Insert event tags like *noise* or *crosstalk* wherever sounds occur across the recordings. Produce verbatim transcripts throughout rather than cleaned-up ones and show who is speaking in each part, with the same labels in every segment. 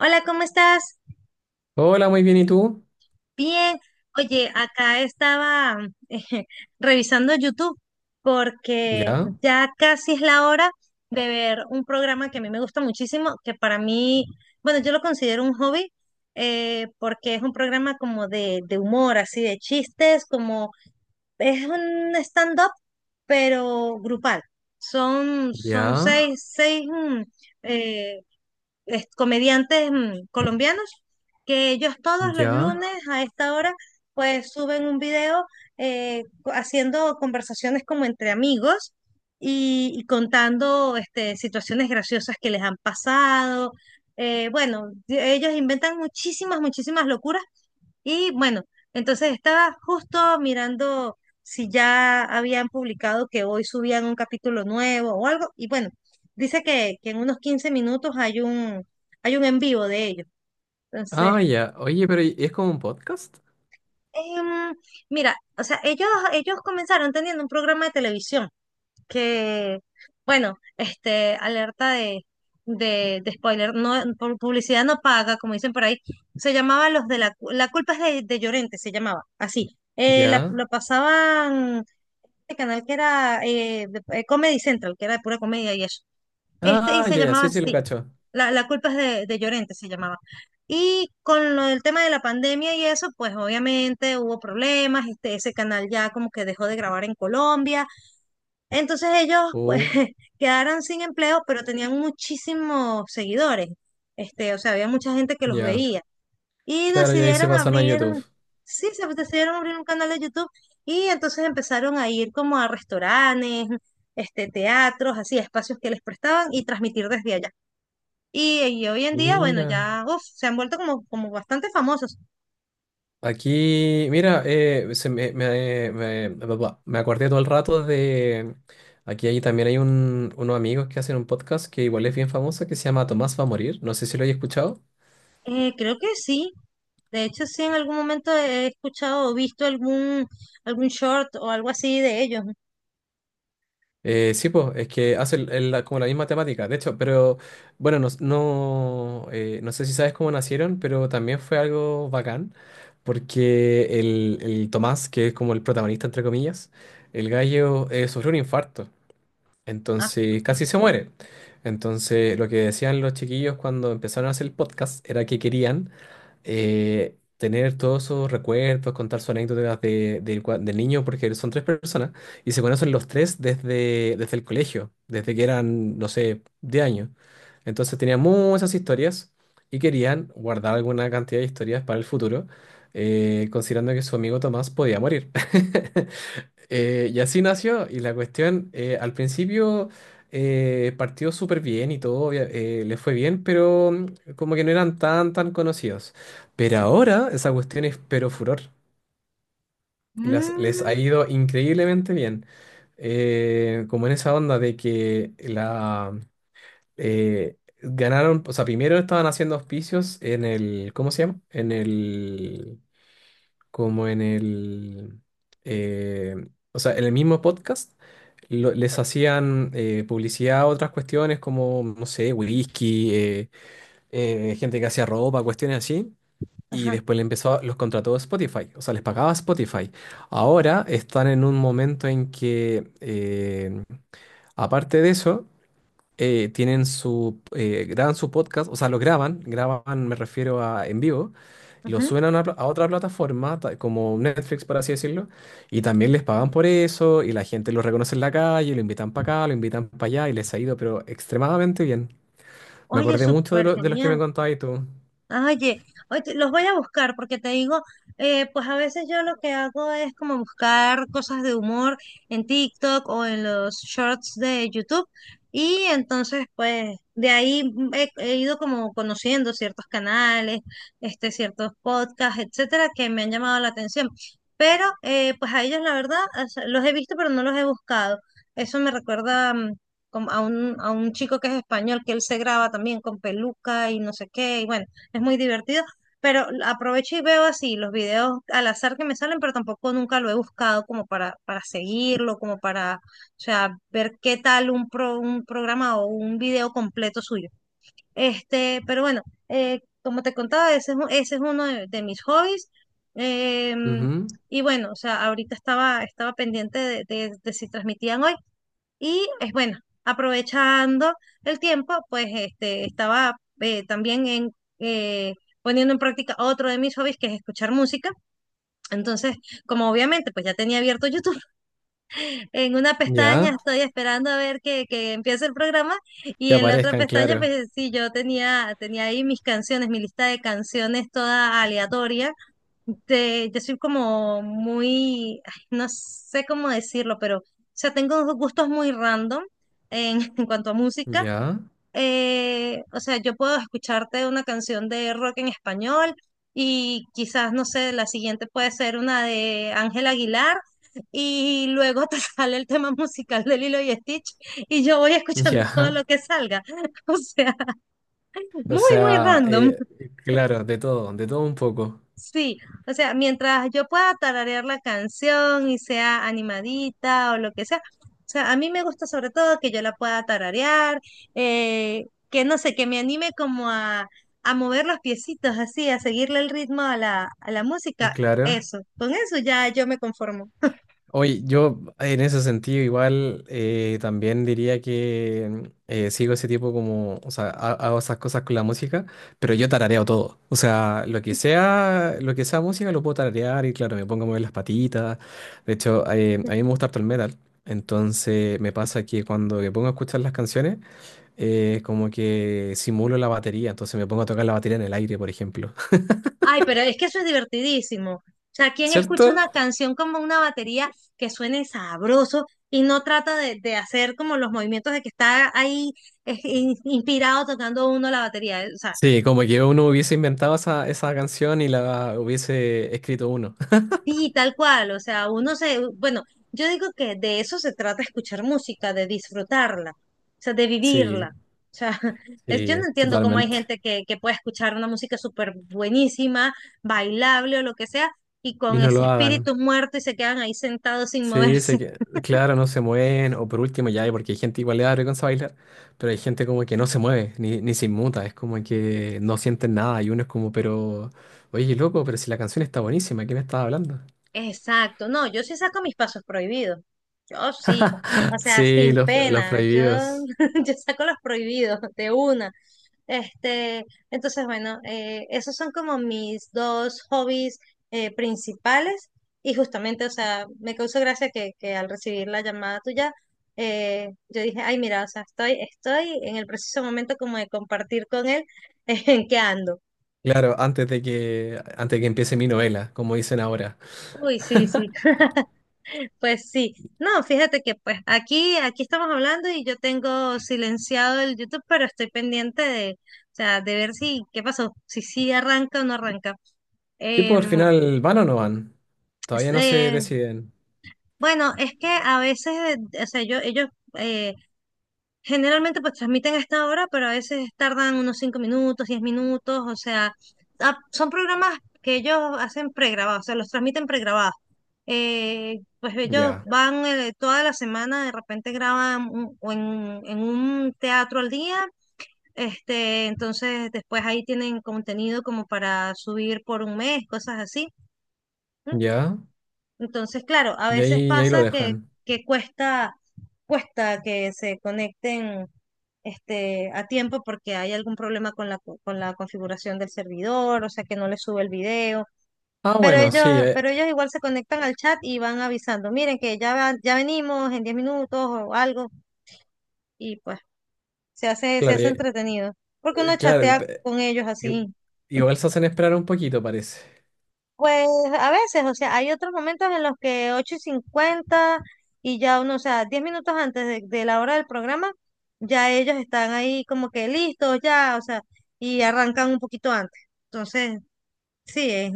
Speaker 1: Hola, ¿cómo estás?
Speaker 2: Hola, muy bien, ¿y tú?
Speaker 1: Bien. Oye, acá estaba *laughs* eh, revisando YouTube porque
Speaker 2: Ya,
Speaker 1: ya casi es la hora de ver un programa que a mí me gusta muchísimo, que para mí, bueno, yo lo considero un hobby, eh, porque es un programa como de, de humor, así de chistes, como es un stand-up, pero grupal. Son, son
Speaker 2: ya,
Speaker 1: seis, seis mm, eh, es- comediantes, mm, colombianos, que ellos todos los
Speaker 2: ya.
Speaker 1: lunes a esta hora pues suben un video, eh, co- haciendo conversaciones como entre amigos y, y contando este, situaciones graciosas que les han pasado. Eh, bueno, de- ellos inventan muchísimas, muchísimas locuras, y bueno, entonces estaba justo mirando si ya habían publicado, que hoy subían un capítulo nuevo o algo. Y bueno, dice que, que en unos quince minutos hay un, hay un en vivo de ellos. Entonces,
Speaker 2: Ah, ya. Oye, pero ¿y- ¿es como un podcast?
Speaker 1: em, mira, o sea, ellos, ellos comenzaron teniendo un programa de televisión. Que, bueno, este, alerta de, de, de spoiler, no, por publicidad no paga, como dicen por ahí, se llamaba Los de la, Cu- la culpa es de, de Llorente, se llamaba, así. Eh, la-
Speaker 2: Ya.
Speaker 1: lo pasaban este canal que era, eh, de- eh, Comedy Central, que era de pura comedia y eso. Este, y
Speaker 2: Ah,
Speaker 1: se
Speaker 2: ya, ya,
Speaker 1: llamaba
Speaker 2: sí, sí, lo
Speaker 1: así,
Speaker 2: cacho.
Speaker 1: la, la culpa es de, de Llorente, se llamaba. Y con lo del tema de la pandemia y eso, pues obviamente hubo problemas, este, ese canal ya como que dejó de grabar en Colombia, entonces ellos pues,
Speaker 2: Oh,
Speaker 1: *laughs* quedaron sin empleo, pero tenían muchísimos seguidores. Este, o sea, había mucha gente que los
Speaker 2: ya.
Speaker 1: veía. Y
Speaker 2: Claro, ya ahí se
Speaker 1: decidieron
Speaker 2: pasaron a
Speaker 1: abrir,
Speaker 2: YouTube.
Speaker 1: sí, se decidieron abrir un canal de YouTube, y entonces empezaron a ir como a restaurantes, este, teatros, así, espacios que les prestaban, y transmitir desde allá. Y, y hoy en día, bueno,
Speaker 2: Mira.
Speaker 1: ya uf, se han vuelto como, como bastante famosos.
Speaker 2: Aquí, mira, eh, se me, me, me- bla, bla, me acordé todo el rato de... Aquí ahí también hay un, unos amigos que hacen un podcast que igual es bien famoso que se llama Tomás va a morir. No sé si lo hayas escuchado.
Speaker 1: Eh, creo que sí. De hecho, sí, en algún momento he escuchado o visto algún, algún short o algo así de ellos.
Speaker 2: Eh, sí, pues, es que hace el- el- la- como la misma temática. De hecho, pero bueno, no, no, eh, no sé si sabes cómo nacieron, pero también fue algo bacán, porque el, el Tomás, que es como el protagonista, entre comillas, el gallo eh, sufrió un infarto,
Speaker 1: Ah.
Speaker 2: entonces casi se muere. Entonces, lo que decían los chiquillos cuando empezaron a hacer el podcast era que querían eh, tener todos esos recuerdos, contar sus anécdotas de, del cua- del niño, porque son tres personas, y se conocen los tres desde, desde el colegio, desde que eran, no sé, de años. Entonces tenían muchas historias y querían guardar alguna cantidad de historias para el futuro, eh, considerando que su amigo Tomás podía morir. *laughs* Eh, y así nació, y la cuestión, eh, al principio eh, partió súper bien y todo, obvia- eh, le fue bien, pero mm, como que no eran tan, tan conocidos. Pero ahora esa cuestión es pero furor. Las- les ha
Speaker 1: Mm.
Speaker 2: ido increíblemente bien. Eh, como en esa onda de que la eh, ganaron, o sea, primero estaban haciendo auspicios en el, ¿cómo se llama? En el como en el, eh, o sea, en el mismo podcast, lo- les hacían eh, publicidad a otras cuestiones como, no sé, whisky, eh, eh, gente que hacía ropa, cuestiones así. Y
Speaker 1: Ajá.
Speaker 2: después le empezó, los contrató Spotify, o sea, les pagaba Spotify. Ahora están en un momento en que, eh, aparte de eso, eh, tienen su, eh, graban su podcast, o sea, lo graban, graban, me refiero a en vivo, lo
Speaker 1: Ujú.
Speaker 2: suben a una pla- a otra plataforma, ta- como Netflix, por así decirlo, y también les pagan por eso, y la gente lo reconoce en la calle, lo invitan para acá, lo invitan para allá, y les ha ido, pero extremadamente bien. Me
Speaker 1: Oye,
Speaker 2: acordé mucho de,
Speaker 1: súper
Speaker 2: lo- de los que
Speaker 1: genial.
Speaker 2: me contabas tú.
Speaker 1: Oye, oye, los voy a buscar, porque te digo, eh, pues a veces yo lo que hago es como buscar cosas de humor en TikTok o en los shorts de YouTube, y entonces pues de ahí mm, he, he ido como conociendo ciertos canales, este, ciertos podcasts, etcétera, que me han llamado la atención. Pero eh, pues a ellos la verdad, o sea, los he visto pero no los he buscado. Eso me recuerda, mm, como a un, a un chico que es español, que él se graba también con peluca y no sé qué, y bueno, es muy divertido, pero aprovecho y veo así los videos al azar que me salen, pero tampoco nunca lo he buscado como para, para seguirlo, como para, o sea, ver qué tal un, pro, un programa o un video completo suyo. Este, pero bueno, eh, como te contaba, ese es, un- ese es uno de, de mis hobbies. em,
Speaker 2: Ujú.
Speaker 1: y bueno, o sea, ahorita estaba, estaba pendiente de, de de si transmitían hoy. Y es bueno, aprovechando el tiempo, pues este, estaba eh, también en, eh, poniendo en práctica otro de mis hobbies, que es escuchar música. Entonces, como obviamente, pues ya tenía abierto YouTube, *laughs* en una pestaña
Speaker 2: Ya,
Speaker 1: estoy esperando a ver que, que empiece el programa, y
Speaker 2: que
Speaker 1: en la otra
Speaker 2: aparezcan,
Speaker 1: pestaña,
Speaker 2: claro.
Speaker 1: pues sí, yo tenía, tenía ahí mis canciones, mi lista de canciones toda aleatoria. De, yo soy como muy, ay, no sé cómo decirlo, pero, o sea, tengo unos gustos muy random en, *laughs* en cuanto a música.
Speaker 2: Ya,
Speaker 1: Eh, o sea, yo puedo escucharte una canción de rock en español, y quizás, no sé, la siguiente puede ser una de Ángel Aguilar, y luego te *laughs* sale el tema musical de Lilo y Stitch, y yo voy escuchando todo
Speaker 2: ya.
Speaker 1: lo que salga. *laughs* O sea,
Speaker 2: O
Speaker 1: muy, muy
Speaker 2: sea,
Speaker 1: random.
Speaker 2: eh, claro, de todo, de todo un poco.
Speaker 1: Sí, o sea, mientras yo pueda tararear la canción y sea animadita o lo que sea, o sea, a mí me gusta sobre todo que yo la pueda tararear, eh, que no sé, que me anime como a, a mover los piecitos así, a seguirle el ritmo a la, a la música.
Speaker 2: Claro.
Speaker 1: Eso, con eso ya yo me conformo.
Speaker 2: Oye, yo en ese sentido igual eh, también diría que eh, sigo ese tipo como, o sea, ha- hago esas cosas con la música, pero yo tarareo todo. O sea, lo que sea, lo que sea música lo puedo tararear y claro, me pongo a mover las patitas. De hecho, eh, a mí me gusta harto el metal. Entonces me pasa que cuando me pongo a escuchar las canciones, eh, como que simulo la batería, entonces me pongo a tocar la batería en el aire, por ejemplo. *laughs*
Speaker 1: Ay, pero es que eso es divertidísimo. O sea, ¿quién escucha
Speaker 2: ¿Cierto?
Speaker 1: una canción como una batería que suene sabroso y no trata de, de hacer como los movimientos de que está ahí, eh, in- inspirado, tocando uno la batería? O sea,
Speaker 2: Sí, como que uno hubiese inventado esa, esa canción y la hubiese escrito uno. *laughs*
Speaker 1: sí, tal cual. O sea, uno se, bueno, yo digo que de eso se trata escuchar música, de disfrutarla, o sea, de
Speaker 2: Sí,
Speaker 1: vivirla. O sea, *laughs* es, yo no
Speaker 2: sí,
Speaker 1: entiendo cómo hay
Speaker 2: totalmente.
Speaker 1: gente que, que puede escuchar una música súper buenísima, bailable o lo que sea, y
Speaker 2: Y
Speaker 1: con
Speaker 2: no
Speaker 1: ese
Speaker 2: lo hagan.
Speaker 1: espíritu muerto y se quedan ahí sentados sin *laughs*
Speaker 2: Sí, se
Speaker 1: moverse.
Speaker 2: que, claro, no se mueven. O por último, ya, porque hay gente igual le da vergüenza bailar, pero hay gente como que no se mueve, ni, ni se inmuta. Es como que no sienten nada. Y uno es como, pero, oye, loco, pero si la canción está buenísima, ¿qué me estás hablando?
Speaker 1: Exacto, no, yo sí saco mis pasos prohibidos, yo sí, o
Speaker 2: *laughs*
Speaker 1: sea,
Speaker 2: Sí,
Speaker 1: sin
Speaker 2: los, los
Speaker 1: pena, yo,
Speaker 2: prohibidos.
Speaker 1: *laughs* yo saco los prohibidos de una. Este, entonces, bueno, eh, esos son como mis dos hobbies eh, principales, y justamente, o sea, me causó gracia que, que al recibir la llamada tuya, eh, yo dije, ay, mira, o sea, estoy, estoy en el preciso momento como de compartir con él, *laughs* en qué ando.
Speaker 2: Claro, antes de que, antes de que empiece mi novela, como dicen ahora.
Speaker 1: Uy, sí, sí, *laughs* pues sí. No, fíjate que pues aquí, aquí estamos hablando y yo tengo silenciado el YouTube, pero estoy pendiente de, o sea, de ver si, qué pasó, si sí arranca o no arranca.
Speaker 2: Sí, pues al
Speaker 1: Em,
Speaker 2: final, ¿van o no van?
Speaker 1: Es,
Speaker 2: Todavía no se
Speaker 1: eh,
Speaker 2: deciden.
Speaker 1: bueno, es que a veces, eh, o sea, yo, ellos eh, generalmente pues transmiten a esta hora, pero a veces tardan unos cinco minutos, diez minutos, o sea, ah, son programas que ellos hacen pregrabados, o sea, los transmiten pregrabados. Eh, pues ellos
Speaker 2: Ya,
Speaker 1: van, eh, toda la semana, de repente graban un- o en, en un teatro al día. Este, entonces después ahí tienen contenido como para subir por un mes, cosas así.
Speaker 2: ya.
Speaker 1: Entonces, claro, a
Speaker 2: Y
Speaker 1: veces
Speaker 2: ahí, y ahí lo
Speaker 1: pasa que,
Speaker 2: dejan.
Speaker 1: que cuesta, cuesta que se conecten, este, a tiempo, porque hay algún problema con la, co- con la configuración del servidor, o sea que no les sube el video.
Speaker 2: Ah,
Speaker 1: Pero
Speaker 2: bueno, sí,
Speaker 1: ellos,
Speaker 2: eh,
Speaker 1: pero ellos igual se conectan al chat y van avisando, miren que ya, va- ya venimos en diez minutos o algo, y pues se hace, se
Speaker 2: claro,
Speaker 1: hace
Speaker 2: eh,
Speaker 1: entretenido. Porque uno
Speaker 2: eh, claro.
Speaker 1: chatea
Speaker 2: pe-
Speaker 1: con ellos
Speaker 2: i-
Speaker 1: así.
Speaker 2: Igual se hacen esperar un poquito, parece.
Speaker 1: Pues a veces, o sea, hay otros momentos en los que ocho y cincuenta, y ya uno, o sea, diez minutos antes de, de la hora del programa, ya ellos están ahí como que listos ya, o sea, y arrancan un poquito antes. Entonces, sí, es,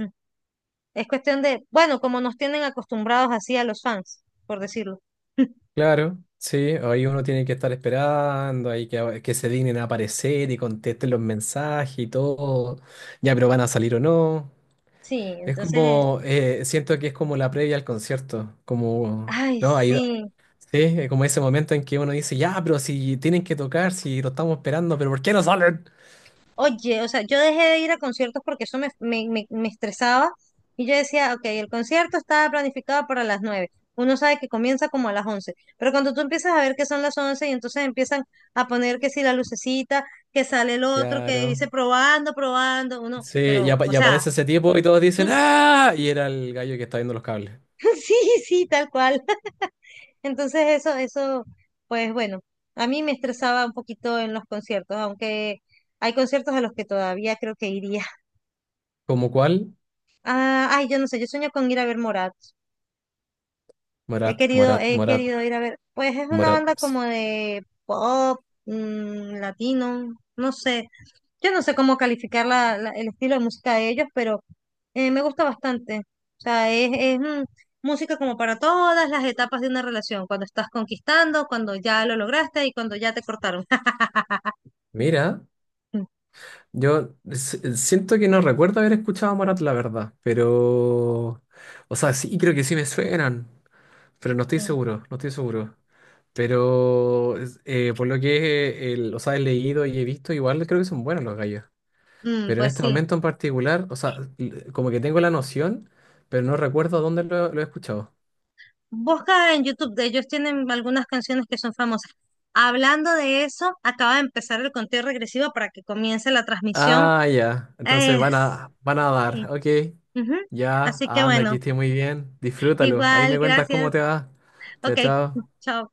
Speaker 1: es cuestión de, bueno, como nos tienen acostumbrados así a los fans, por decirlo.
Speaker 2: Claro, sí, ahí uno tiene que estar esperando, ahí que, que se dignen a aparecer y contesten los mensajes y todo. Ya, pero van a salir o no.
Speaker 1: Sí,
Speaker 2: Es
Speaker 1: entonces,
Speaker 2: como, eh, siento que es como la previa al concierto, como,
Speaker 1: ay,
Speaker 2: ¿no? Ahí,
Speaker 1: sí.
Speaker 2: sí, es como ese momento en que uno dice, ya, pero si tienen que tocar, si lo estamos esperando, pero ¿por qué no salen?
Speaker 1: Oye, o sea, yo dejé de ir a conciertos porque eso me, me, me- me estresaba, y yo decía, ok, el concierto estaba planificado para las nueve. Uno sabe que comienza como a las once, pero cuando tú empiezas a ver que son las once y entonces empiezan a poner que si la lucecita, que sale el otro, que
Speaker 2: Claro.
Speaker 1: dice probando, probando, uno,
Speaker 2: Sí, y,
Speaker 1: pero,
Speaker 2: apa-
Speaker 1: o
Speaker 2: y
Speaker 1: sea,
Speaker 2: aparece ese tipo y todos dicen,
Speaker 1: *laughs*
Speaker 2: ¡ah! Y era el gallo que está viendo los cables.
Speaker 1: sí, sí, tal cual. *laughs* Entonces eso, eso, pues bueno, a mí me estresaba un poquito en los conciertos, aunque hay conciertos a los que todavía creo que iría.
Speaker 2: ¿Como cuál?
Speaker 1: Ah, ay, yo no sé, yo sueño con ir a ver Morat. He
Speaker 2: Morat,
Speaker 1: querido,
Speaker 2: Morat,
Speaker 1: he
Speaker 2: Morat,
Speaker 1: querido ir a ver. Pues es una
Speaker 2: Morat.
Speaker 1: banda
Speaker 2: Sí.
Speaker 1: como de pop, mm, latino, no sé. Yo no sé cómo calificar la- la- el estilo de música de ellos, pero eh, me gusta bastante. O sea, es, es, mm, música como para todas las etapas de una relación, cuando estás conquistando, cuando ya lo lograste y cuando ya te cortaron.
Speaker 2: Mira,
Speaker 1: *laughs*
Speaker 2: yo s- siento que no recuerdo haber escuchado a Morat, la verdad, pero... O sea, sí, creo que sí me suenan, pero no estoy seguro, no estoy seguro. Pero es- eh, por lo que eh, el- los he leído y he visto, igual creo que son buenos los gallos.
Speaker 1: Mm,
Speaker 2: Pero en
Speaker 1: pues
Speaker 2: este
Speaker 1: sí.
Speaker 2: momento en particular, o sea, l- como que tengo la noción, pero no recuerdo dónde lo, lo he escuchado.
Speaker 1: Busca en YouTube, de ellos tienen algunas canciones que son famosas. Hablando de eso, acaba de empezar el conteo regresivo para que comience la transmisión.
Speaker 2: Ah, ya. Entonces
Speaker 1: Eh,
Speaker 2: van a, van a dar.
Speaker 1: sí.
Speaker 2: Ok.
Speaker 1: Ujú.
Speaker 2: Ya.
Speaker 1: Así que
Speaker 2: Anda, aquí
Speaker 1: bueno,
Speaker 2: estoy muy bien. Disfrútalo. Ahí
Speaker 1: igual,
Speaker 2: me cuentas
Speaker 1: gracias.
Speaker 2: cómo te va. Chao,
Speaker 1: Ok,
Speaker 2: chao.
Speaker 1: chao.